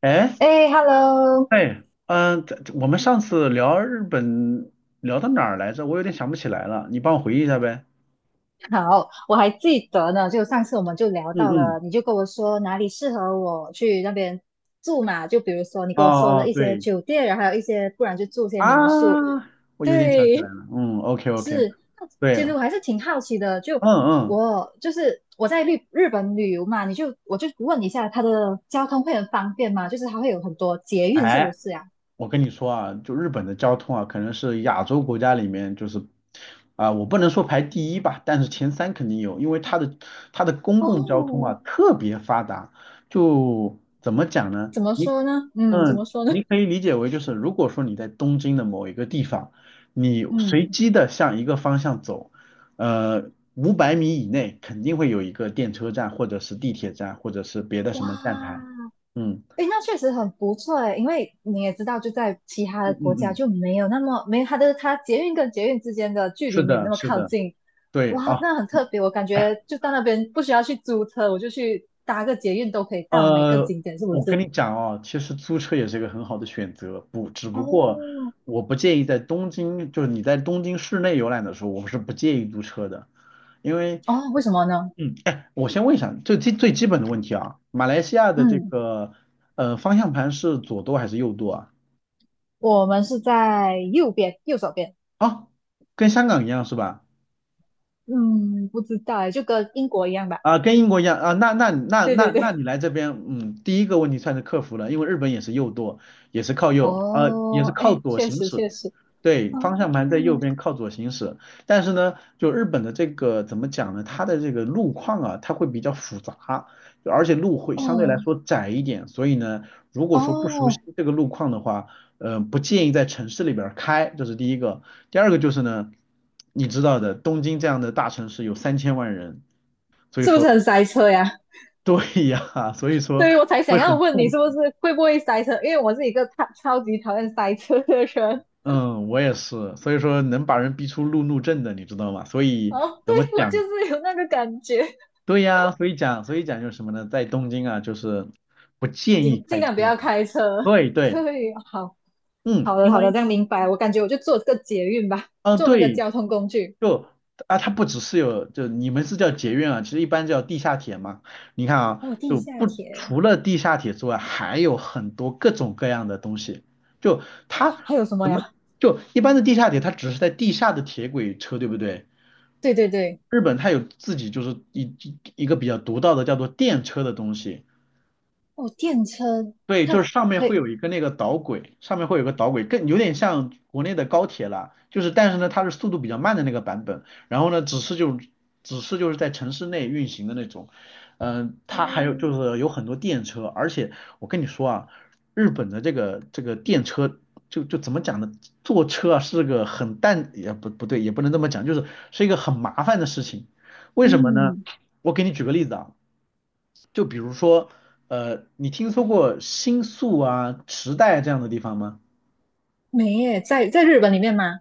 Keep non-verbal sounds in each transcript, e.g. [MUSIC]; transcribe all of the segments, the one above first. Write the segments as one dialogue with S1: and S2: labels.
S1: 哎，
S2: 哎，Hello。
S1: 哎，这我们上次聊日本聊到哪儿来着？我有点想不起来了，你帮我回忆一下呗。
S2: 好，我还记得呢，就上次我们就聊
S1: 嗯
S2: 到
S1: 嗯，
S2: 了，你就跟我说哪里适合我去那边住嘛，就比如说你
S1: 哦
S2: 跟我说了
S1: 哦，
S2: 一些
S1: 对
S2: 酒店，然后还有一些，不然就住些民宿。
S1: 啊，我有点想起来
S2: 对，
S1: 了。嗯，OK OK，对，
S2: 其实我还是挺好奇的，就
S1: 嗯嗯，
S2: 我就是我在日本旅游嘛，你就我就问一下，它的交通会很方便吗？就是它会有很多捷运，是不
S1: 哎
S2: 是啊？
S1: 我跟你说啊，就日本的交通啊，可能是亚洲国家里面就是，我不能说排第一吧，但是前三肯定有，因为它的公共交通啊
S2: 哦，
S1: 特别发达，就怎么讲呢？
S2: 怎么说呢？嗯，怎么说呢？
S1: 你可以理解为就是，如果说你在东京的某一个地方，你随
S2: 嗯，
S1: 机的向一个方向走，500米以内肯定会有一个电车站，或者是地铁站，或者是别的什
S2: 哇，
S1: 么站台。嗯
S2: 诶，那确实很不错诶，因为你也知道，就在其他的
S1: 嗯
S2: 国
S1: 嗯
S2: 家
S1: 嗯，
S2: 就没有那么没有它的它捷运跟捷运之间的距离
S1: 是
S2: 没有
S1: 的，
S2: 那么
S1: 是
S2: 靠
S1: 的。
S2: 近。
S1: 对
S2: 哇，
S1: 啊，
S2: 那很特别。我感觉就到那边不需要去租车，我就去搭个捷运都可以到每个
S1: 呃，
S2: 景点，是不
S1: 我跟
S2: 是？
S1: 你讲哦，其实租车也是一个很好的选择，不，只不过
S2: 哦
S1: 我不建议在东京，就是你在东京市内游览的时候，我是不建议租车的，因为，
S2: 哦，为什么呢？
S1: 哎，我先问一下，最最最基本的问题啊，马来西亚的这
S2: 嗯，
S1: 个方向盘是左舵还是右舵啊？
S2: 我们是在右边，右手边。
S1: 哦，跟香港一样是吧？
S2: 嗯，不知道诶，就跟英国一样吧。
S1: 啊，跟英国一样啊，那那那
S2: 对
S1: 那
S2: 对
S1: 那
S2: 对。
S1: 你来这边，第一个问题算是克服了，因为日本也是右舵，也是靠右，也
S2: 哦，
S1: 是靠
S2: 哎，
S1: 左
S2: 确
S1: 行
S2: 实
S1: 驶，
S2: 确实。
S1: 对，
S2: 哦
S1: 方向盘在右边靠左行驶，但是呢，就日本的这个怎么讲呢？它的这个路况啊，它会比较复杂，就而且路会相对
S2: 哦
S1: 来说窄一点，所以呢，如果说不熟悉
S2: 哦，
S1: 这个路况的话，不建议在城市里边儿开，这是第一个。第二个就是呢，你知道的，东京这样的大城市有3000万人，所以
S2: 是不是
S1: 说
S2: 很塞车呀？
S1: [LAUGHS] 对呀，所以说
S2: 对，以我才想
S1: 会
S2: 要
S1: 很
S2: 问你，
S1: 痛
S2: 是不
S1: 苦。
S2: 是会不会塞车？因为我是一个超级讨厌塞车的人。
S1: 嗯，我也是，所以说能把人逼出路怒症的，你知道吗？所以
S2: 哦，
S1: 怎
S2: 对，
S1: 么
S2: 我
S1: 讲？
S2: 就是有那个感觉，
S1: 对呀，所以讲就是什么呢？在东京啊，就是不建议
S2: 尽尽
S1: 开
S2: 量不
S1: 车
S2: 要
S1: 啊。
S2: 开车。
S1: 对对，
S2: 对，好，好
S1: 嗯，
S2: 的，
S1: 因
S2: 好的，
S1: 为，
S2: 这样明白了。我感觉我就坐这个捷运吧，
S1: 嗯、
S2: 坐那个
S1: 对，
S2: 交通工具。
S1: 就啊，它不只是有，就你们是叫捷运啊，其实一般叫地下铁嘛。你看啊，
S2: 哦，地
S1: 就
S2: 下
S1: 不
S2: 铁，
S1: 除了地下铁之外，还有很多各种各样的东西。就它
S2: 还有什么
S1: 怎么
S2: 呀？
S1: 就一般的地下铁，它只是在地下的铁轨车，对不对？
S2: 对对对，
S1: 日本它有自己就是一个比较独到的叫做电车的东西。
S2: 哦，电车，
S1: 对，就
S2: 它
S1: 是上面
S2: 可
S1: 会
S2: 以。
S1: 有一个那个导轨，上面会有个导轨，更有点像国内的高铁啦。就是，但是呢，它是速度比较慢的那个版本。然后呢，只是就是在城市内运行的那种。它还有就是有
S2: 嗯
S1: 很多电车，而且我跟你说啊，日本的这个电车就怎么讲呢？坐车啊是个很淡，也不对，也不能这么讲，就是一个很麻烦的事情。为什么呢？
S2: 嗯，
S1: 我给你举个例子啊。就比如说，你听说过新宿啊、池袋这样的地方吗？
S2: 没耶，在日本里面吗？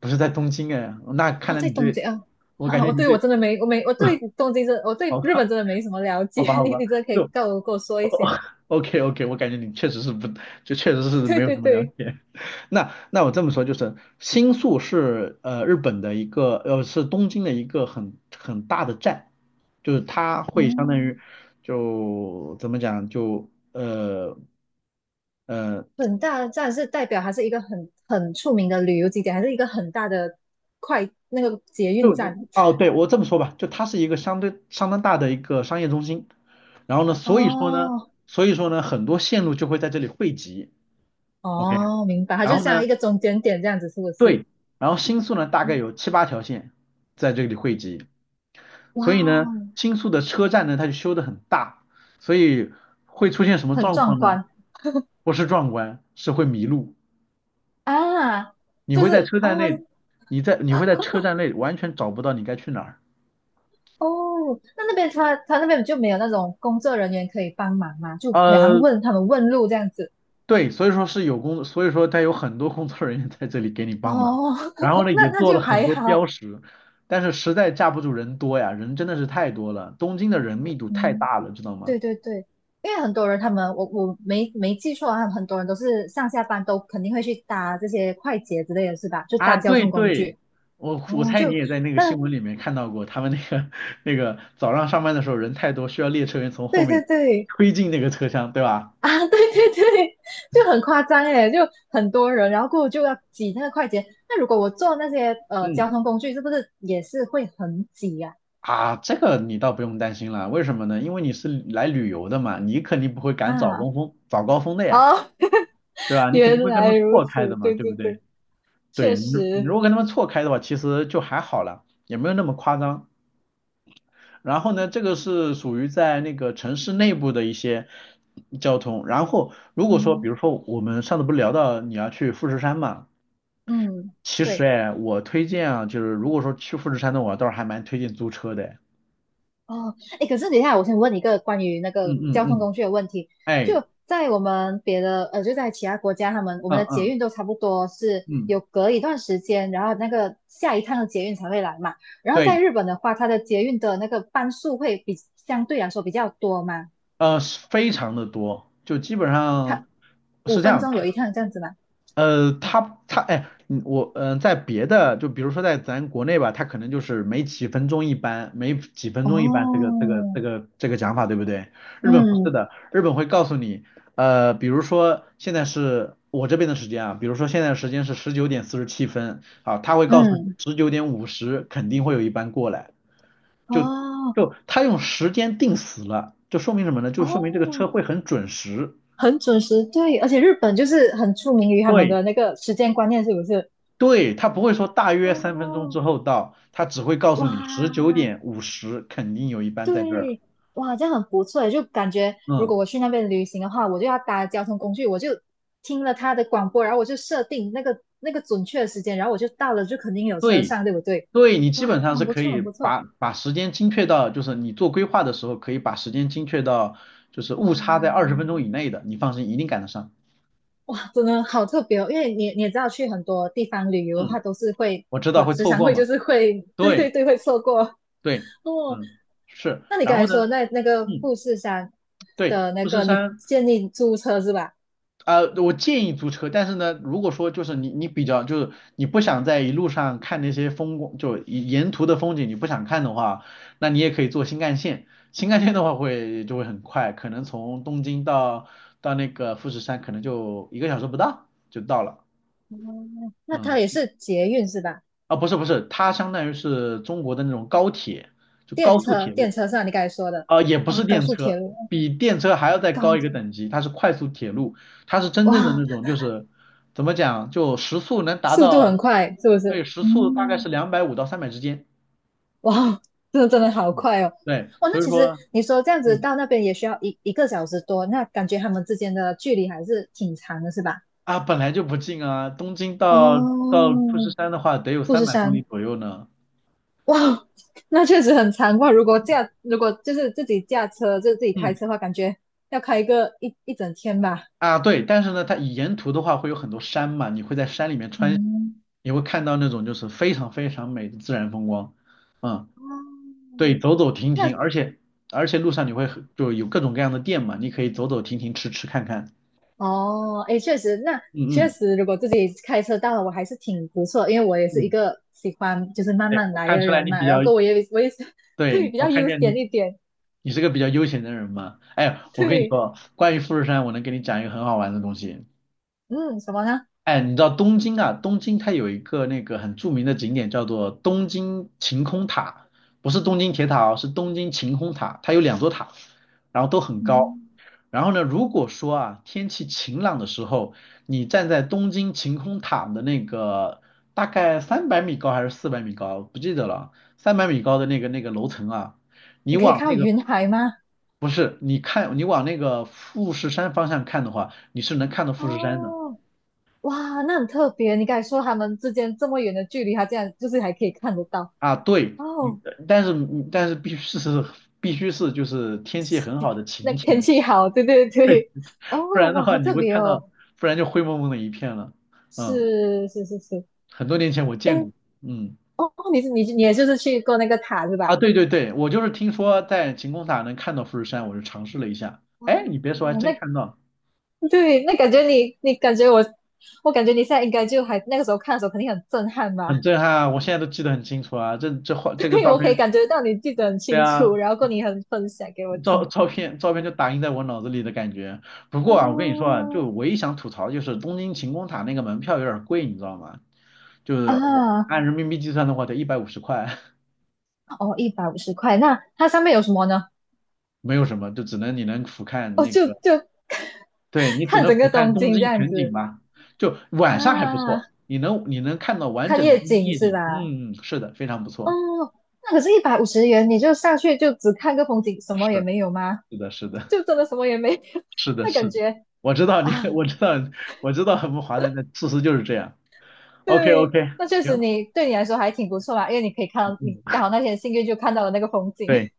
S1: 不是在东京哎，那看
S2: 哦，
S1: 来
S2: 在
S1: 你
S2: 东
S1: 对，
S2: 京啊。
S1: 我感
S2: 啊，
S1: 觉
S2: 我
S1: 你
S2: 对我
S1: 对，
S2: 真的没，我没，我对东京真，我
S1: [LAUGHS]
S2: 对
S1: 好
S2: 日
S1: 吧，
S2: 本真的没什么了解。
S1: 好
S2: [LAUGHS]
S1: 吧，好
S2: 你
S1: 吧，
S2: 你真的可以
S1: 就
S2: 告我跟我说一些。
S1: OK OK，我感觉你确实是不，就确实
S2: [LAUGHS]
S1: 是
S2: 对
S1: 没有
S2: 对
S1: 什么了
S2: 对。
S1: 解。[LAUGHS] 那我这么说就是，新宿是日本的一个是东京的一个很大的站，就是它会相当于
S2: 嗯，
S1: 就怎么讲就呃。
S2: 很大的站是代表它是一个很很出名的旅游景点，还是一个很大的快那个捷运
S1: 就
S2: 站？
S1: 哦，对，我这么说吧，就它是一个相对相当大的一个商业中心，然后呢，所以说呢，
S2: 哦
S1: 所以说呢，很多线路就会在这里汇集，OK，
S2: 哦，明白，它
S1: 然
S2: 就
S1: 后呢，
S2: 像一个中间点这样子，是不是？
S1: 对，然后新宿呢大概有
S2: 嗯，
S1: 七八条线在这里汇集，
S2: 哇
S1: 所以呢，
S2: 哦，
S1: 新宿的车站呢它就修得很大，所以会出现什么
S2: 很
S1: 状
S2: 壮
S1: 况呢？
S2: 观。
S1: 不是壮观，是会迷路，
S2: 啊，
S1: 你
S2: 就
S1: 会在
S2: 是
S1: 车
S2: 哦，
S1: 站内，你会在车站内完全找不到你该去哪儿。
S2: 哦，那边他那边就没有那种工作人员可以帮忙嘛，就可以好像
S1: 呃，
S2: 问他们问路这样子。
S1: 对，所以说他有很多工作人员在这里给你帮忙，
S2: 哦，
S1: 然后呢
S2: [LAUGHS] 那
S1: 也
S2: 那
S1: 做
S2: 就
S1: 了很
S2: 还
S1: 多标
S2: 好。
S1: 识，但是实在架不住人多呀，人真的是太多了，东京的人密度太
S2: 嗯，
S1: 大了，知道吗？
S2: 对对对，因为很多人他们我没记错他们很多人都是上下班都肯定会去搭这些快捷之类的是吧？就
S1: 啊，
S2: 搭交
S1: 对
S2: 通工
S1: 对，
S2: 具。
S1: 我
S2: 嗯，
S1: 猜你
S2: 就
S1: 也在那个新
S2: 那
S1: 闻里面看到过，他们那个 [LAUGHS] 那个早上上班的时候人太多，需要列车员从后
S2: 对对
S1: 面
S2: 对，
S1: 推进那个车厢，对吧？
S2: [LAUGHS] 啊，对对对，就很夸张诶，就很多人，然后过后就要挤那个快捷。那如果我坐那些
S1: 嗯，
S2: 交通工具，是不是也是会很挤呀、
S1: 啊，这个你倒不用担心了，为什么呢？因为你是来旅游的嘛，你肯定不会赶早
S2: 啊？
S1: 高峰早高峰的呀。
S2: 啊，哦，
S1: 对吧？
S2: [LAUGHS]
S1: 你肯定
S2: 原
S1: 会跟他
S2: 来
S1: 们
S2: 如
S1: 错开的
S2: 此，
S1: 嘛，
S2: 对
S1: 对不
S2: 对
S1: 对？
S2: 对，
S1: 对，
S2: 确
S1: 你如你如
S2: 实。
S1: 果跟他们错开的话，其实就还好了，也没有那么夸张。然后呢，这个是属于在那个城市内部的一些交通。然后如果说，比
S2: 嗯
S1: 如说我们上次不是聊到你要去富士山嘛，
S2: 嗯，
S1: 其实
S2: 对。
S1: 哎，我推荐啊，就是如果说去富士山的，我倒是还蛮推荐租车的哎。
S2: 哦，哎，可是等一下，我先问你一个关于那
S1: 嗯
S2: 个
S1: 嗯
S2: 交通
S1: 嗯，
S2: 工具的问题。
S1: 哎，
S2: 就在我们别的，就在其他国家，他们我们
S1: 嗯
S2: 的捷
S1: 嗯
S2: 运都差不多是
S1: 嗯，
S2: 有隔一段时间，然后那个下一趟的捷运才会来嘛。然后在
S1: 对，
S2: 日本的话，它的捷运的那个班数会比相对来说比较多嘛，
S1: 是非常的多，就基本上
S2: 它五
S1: 是这
S2: 分
S1: 样。
S2: 钟有一趟这样子嘛。
S1: 呃，他他哎，嗯我嗯、呃在别的就比如说在咱国内吧，他可能就是每几分钟一班，每几分钟一班这个这个
S2: 哦，
S1: 这个这个讲法，对不对？日本不是
S2: 嗯
S1: 的，日本会告诉你，比如说现在是我这边的时间啊，比如说现在的时间是19:47，啊，他会告诉你
S2: 嗯，
S1: 十九点五十肯定会有一班过来，就
S2: 哦
S1: 就他用时间定死了，就说明什么呢？就说明这个
S2: 哦，
S1: 车会很准时。
S2: 很准时，对，而且日本就是很出名于他们
S1: 对
S2: 的那个时间观念，是不是？
S1: 对，他不会说大约3分钟之
S2: 哦，
S1: 后到，他只会告诉你十九
S2: 哇，
S1: 点五十肯定有一班在这儿。
S2: 对，哇，这样很不错诶，就感觉如
S1: 嗯，
S2: 果我去那边旅行的话，我就要搭交通工具，我就听了他的广播，然后我就设定那个准确的时间，然后我就到了，就肯定有车
S1: 对，
S2: 上，对不对？
S1: 对，你基
S2: 哇，
S1: 本上是
S2: 很不
S1: 可
S2: 错，
S1: 以
S2: 很不错。
S1: 把时间精确到，就是你做规划的时候可以把时间精确到，就是
S2: 哇
S1: 误差在20分钟以内的，你放心，一定赶得上。
S2: 哇，真的好特别哦，因为你你也知道，去很多地方旅游的话，
S1: 嗯，
S2: 都是会
S1: 我知道
S2: 和
S1: 会
S2: 时
S1: 错
S2: 常
S1: 过
S2: 会
S1: 嘛。
S2: 就是会，对
S1: 对
S2: 对对，会错过。
S1: 对，
S2: [LAUGHS] 哦。
S1: 嗯，是。
S2: 那你
S1: 然
S2: 刚
S1: 后
S2: 才
S1: 呢，
S2: 说那那个
S1: 嗯，
S2: 富士山
S1: 对，
S2: 的那
S1: 富士
S2: 个，你
S1: 山。
S2: 建议租车是吧？
S1: 我建议租车，但是呢，如果说就是你比较就是你不想在一路上看那些风光，就沿途的风景你不想看的话，那你也可以坐新干线。新干线的话就会很快，可能从东京到那个富士山可能就一个小时不到就到了。
S2: 哦，那它
S1: 嗯，
S2: 也是捷运是吧？
S1: 啊不是不是，它相当于是中国的那种高铁，就
S2: 电
S1: 高速
S2: 车，
S1: 铁
S2: 电
S1: 路。
S2: 车上你刚才说的。
S1: 也不
S2: 哦，
S1: 是
S2: 高
S1: 电
S2: 速铁
S1: 车，
S2: 路，哦，
S1: 比电车还要再高
S2: 高
S1: 一个
S2: 铁。
S1: 等级，它是快速铁路，它是真正的
S2: 哇，
S1: 那种，就是怎么讲，就时速能达
S2: 速度
S1: 到，
S2: 很快，是不
S1: 对，
S2: 是？
S1: 时速大概是
S2: 嗯，
S1: 250到300之间，
S2: 哇哦，真的真的好
S1: 嗯，
S2: 快哦。
S1: 对，
S2: 哇，那
S1: 所以
S2: 其实
S1: 说，
S2: 你说这样子
S1: 嗯，
S2: 到那边也需要一个小时多，那感觉他们之间的距离还是挺长的，是吧？
S1: 啊，本来就不近啊，东京到
S2: 哦，
S1: 到富士山的话得有
S2: 富
S1: 三
S2: 士
S1: 百公里
S2: 山，
S1: 左右呢，
S2: 哇哦。那确实很长哇。如果驾，如果就是自己驾车，就是自己开
S1: 嗯，
S2: 车的话，感觉要开个一整天吧。
S1: 啊，对，但是呢，它沿途的话会有很多山嘛，你会在山里面穿，
S2: 嗯。
S1: 你会看到那种就是非常非常美的自然风光，嗯。对，
S2: 嗯，
S1: 走走停停，
S2: 那
S1: 而且路上你会就有各种各样的店嘛，你可以走走停停，吃吃看看。
S2: 哦，诶，确实，那
S1: 嗯
S2: 确
S1: 嗯
S2: 实，如果自己开车到了，我还是挺不错，因为我也是一
S1: 嗯，
S2: 个喜欢就是慢
S1: 对，
S2: 慢
S1: 我
S2: 来的
S1: 看出来
S2: 人
S1: 你
S2: 嘛，
S1: 比
S2: 然
S1: 较，
S2: 后我也是。 [LAUGHS] 对
S1: 对，
S2: 比
S1: 我
S2: 较
S1: 看
S2: 悠
S1: 见
S2: 闲
S1: 你
S2: 一点。
S1: 你是个比较悠闲的人嘛。哎，我跟你
S2: 对。
S1: 说，关于富士山，我能给你讲一个很好玩的东西。
S2: 嗯，什么呢？
S1: 哎，你知道东京啊？东京它有一个很著名的景点叫做东京晴空塔，不是东京铁塔哦，是东京晴空塔，它有两座塔，然后都很高。
S2: 嗯，
S1: 然后呢，如果说啊，天气晴朗的时候，你站在东京晴空塔的那个大概三百米高还是400米高，不记得了，三百米高的那个楼层啊，
S2: 你
S1: 你
S2: 可以
S1: 往
S2: 看到
S1: 那个
S2: 云海吗？
S1: 不是，你看你往那个富士山方向看的话，你是能看到富士山的
S2: 哦，哇，那很特别，你刚才说他们之间这么远的距离，他这样就是还可以看得到。
S1: 啊。对，你
S2: 哦，
S1: 但是但是必须是必须是就是天气很好的
S2: 那
S1: 晴
S2: 天
S1: 天，
S2: 气好，对对
S1: [LAUGHS] 对，
S2: 对。
S1: 不
S2: 哦，
S1: 然的
S2: 哇，
S1: 话
S2: 好
S1: 你
S2: 特
S1: 会
S2: 别
S1: 看到，
S2: 哦。
S1: 不然就灰蒙蒙的一片了。嗯，
S2: 是是是是，
S1: 很多年前我
S2: 诶。
S1: 见过，嗯。
S2: 哦，你是你你也就是去过那个塔是
S1: 啊，
S2: 吧？
S1: 对对对，我就是听说在晴空塔能看到富士山，我就尝试了一下。哎，你别说，还
S2: 哦，那
S1: 真看到，
S2: 对，那感觉你你感觉我，我感觉你现在应该就还那个时候看的时候肯定很震撼
S1: 很
S2: 吧？
S1: 震撼啊！我现在都记得很清楚啊，这这画
S2: [LAUGHS]
S1: 这个
S2: 对，
S1: 照
S2: 我可以
S1: 片，
S2: 感觉到你记得很
S1: 对
S2: 清楚，
S1: 啊，
S2: 然后过你很分享给我
S1: 照
S2: 听。
S1: 照片照片就打印在我脑子里的感觉。不过啊，我跟你说啊，就
S2: 哦
S1: 唯一想吐槽就是东京晴空塔那个门票有点贵，你知道吗？就是我
S2: 啊，
S1: 按人民币计算的话得150块，
S2: 哦，150块，那它上面有什么呢？
S1: [LAUGHS] 没有什么，就只能你能俯瞰
S2: 哦，
S1: 那
S2: 就
S1: 个。
S2: 就 [LAUGHS]
S1: 对你只
S2: 看
S1: 能
S2: 整个
S1: 俯瞰
S2: 东
S1: 东
S2: 京这
S1: 京
S2: 样
S1: 全景
S2: 子。
S1: 吧，就晚上还不
S2: 啊，
S1: 错，你能看到完
S2: 看
S1: 整的
S2: 夜
S1: 东京
S2: 景
S1: 夜
S2: 是
S1: 景。
S2: 吧？
S1: 嗯，是的，非常不错。
S2: 哦，那可是150元，你就上去就只看个风景，什么也
S1: 是
S2: 没有吗？
S1: 是的，是的，
S2: 就真的什么也没有。
S1: 是
S2: [LAUGHS]
S1: 的，
S2: 那感
S1: 是的，
S2: 觉
S1: 我知道你，[LAUGHS]
S2: 啊，
S1: 我知道，我知道很不划南的事实就是这样。OK
S2: 对，
S1: OK，
S2: 那确实
S1: 行，
S2: 你对你来说还挺不错嘛，因为你可以看到你
S1: 嗯，
S2: 刚好那天幸运就看到了那个风景。
S1: 对
S2: [LAUGHS]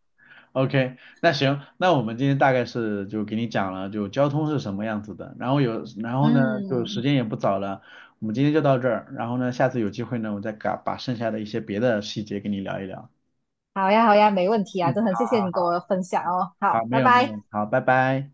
S1: ，OK，那行，那我们今天大概是就给你讲了就交通是什么样子的，然后有，然后呢就时
S2: 嗯，
S1: 间也不早了，我们今天就到这儿，然后呢下次有机会呢我再把剩下的一些别的细节跟你聊一聊。
S2: 好呀，好呀，没问题啊，
S1: 嗯，
S2: 真的很
S1: 好
S2: 谢谢
S1: 好
S2: 你跟
S1: 好，
S2: 我分享哦。
S1: 好
S2: 好，
S1: 没
S2: 拜
S1: 有没
S2: 拜。
S1: 有，好，拜拜。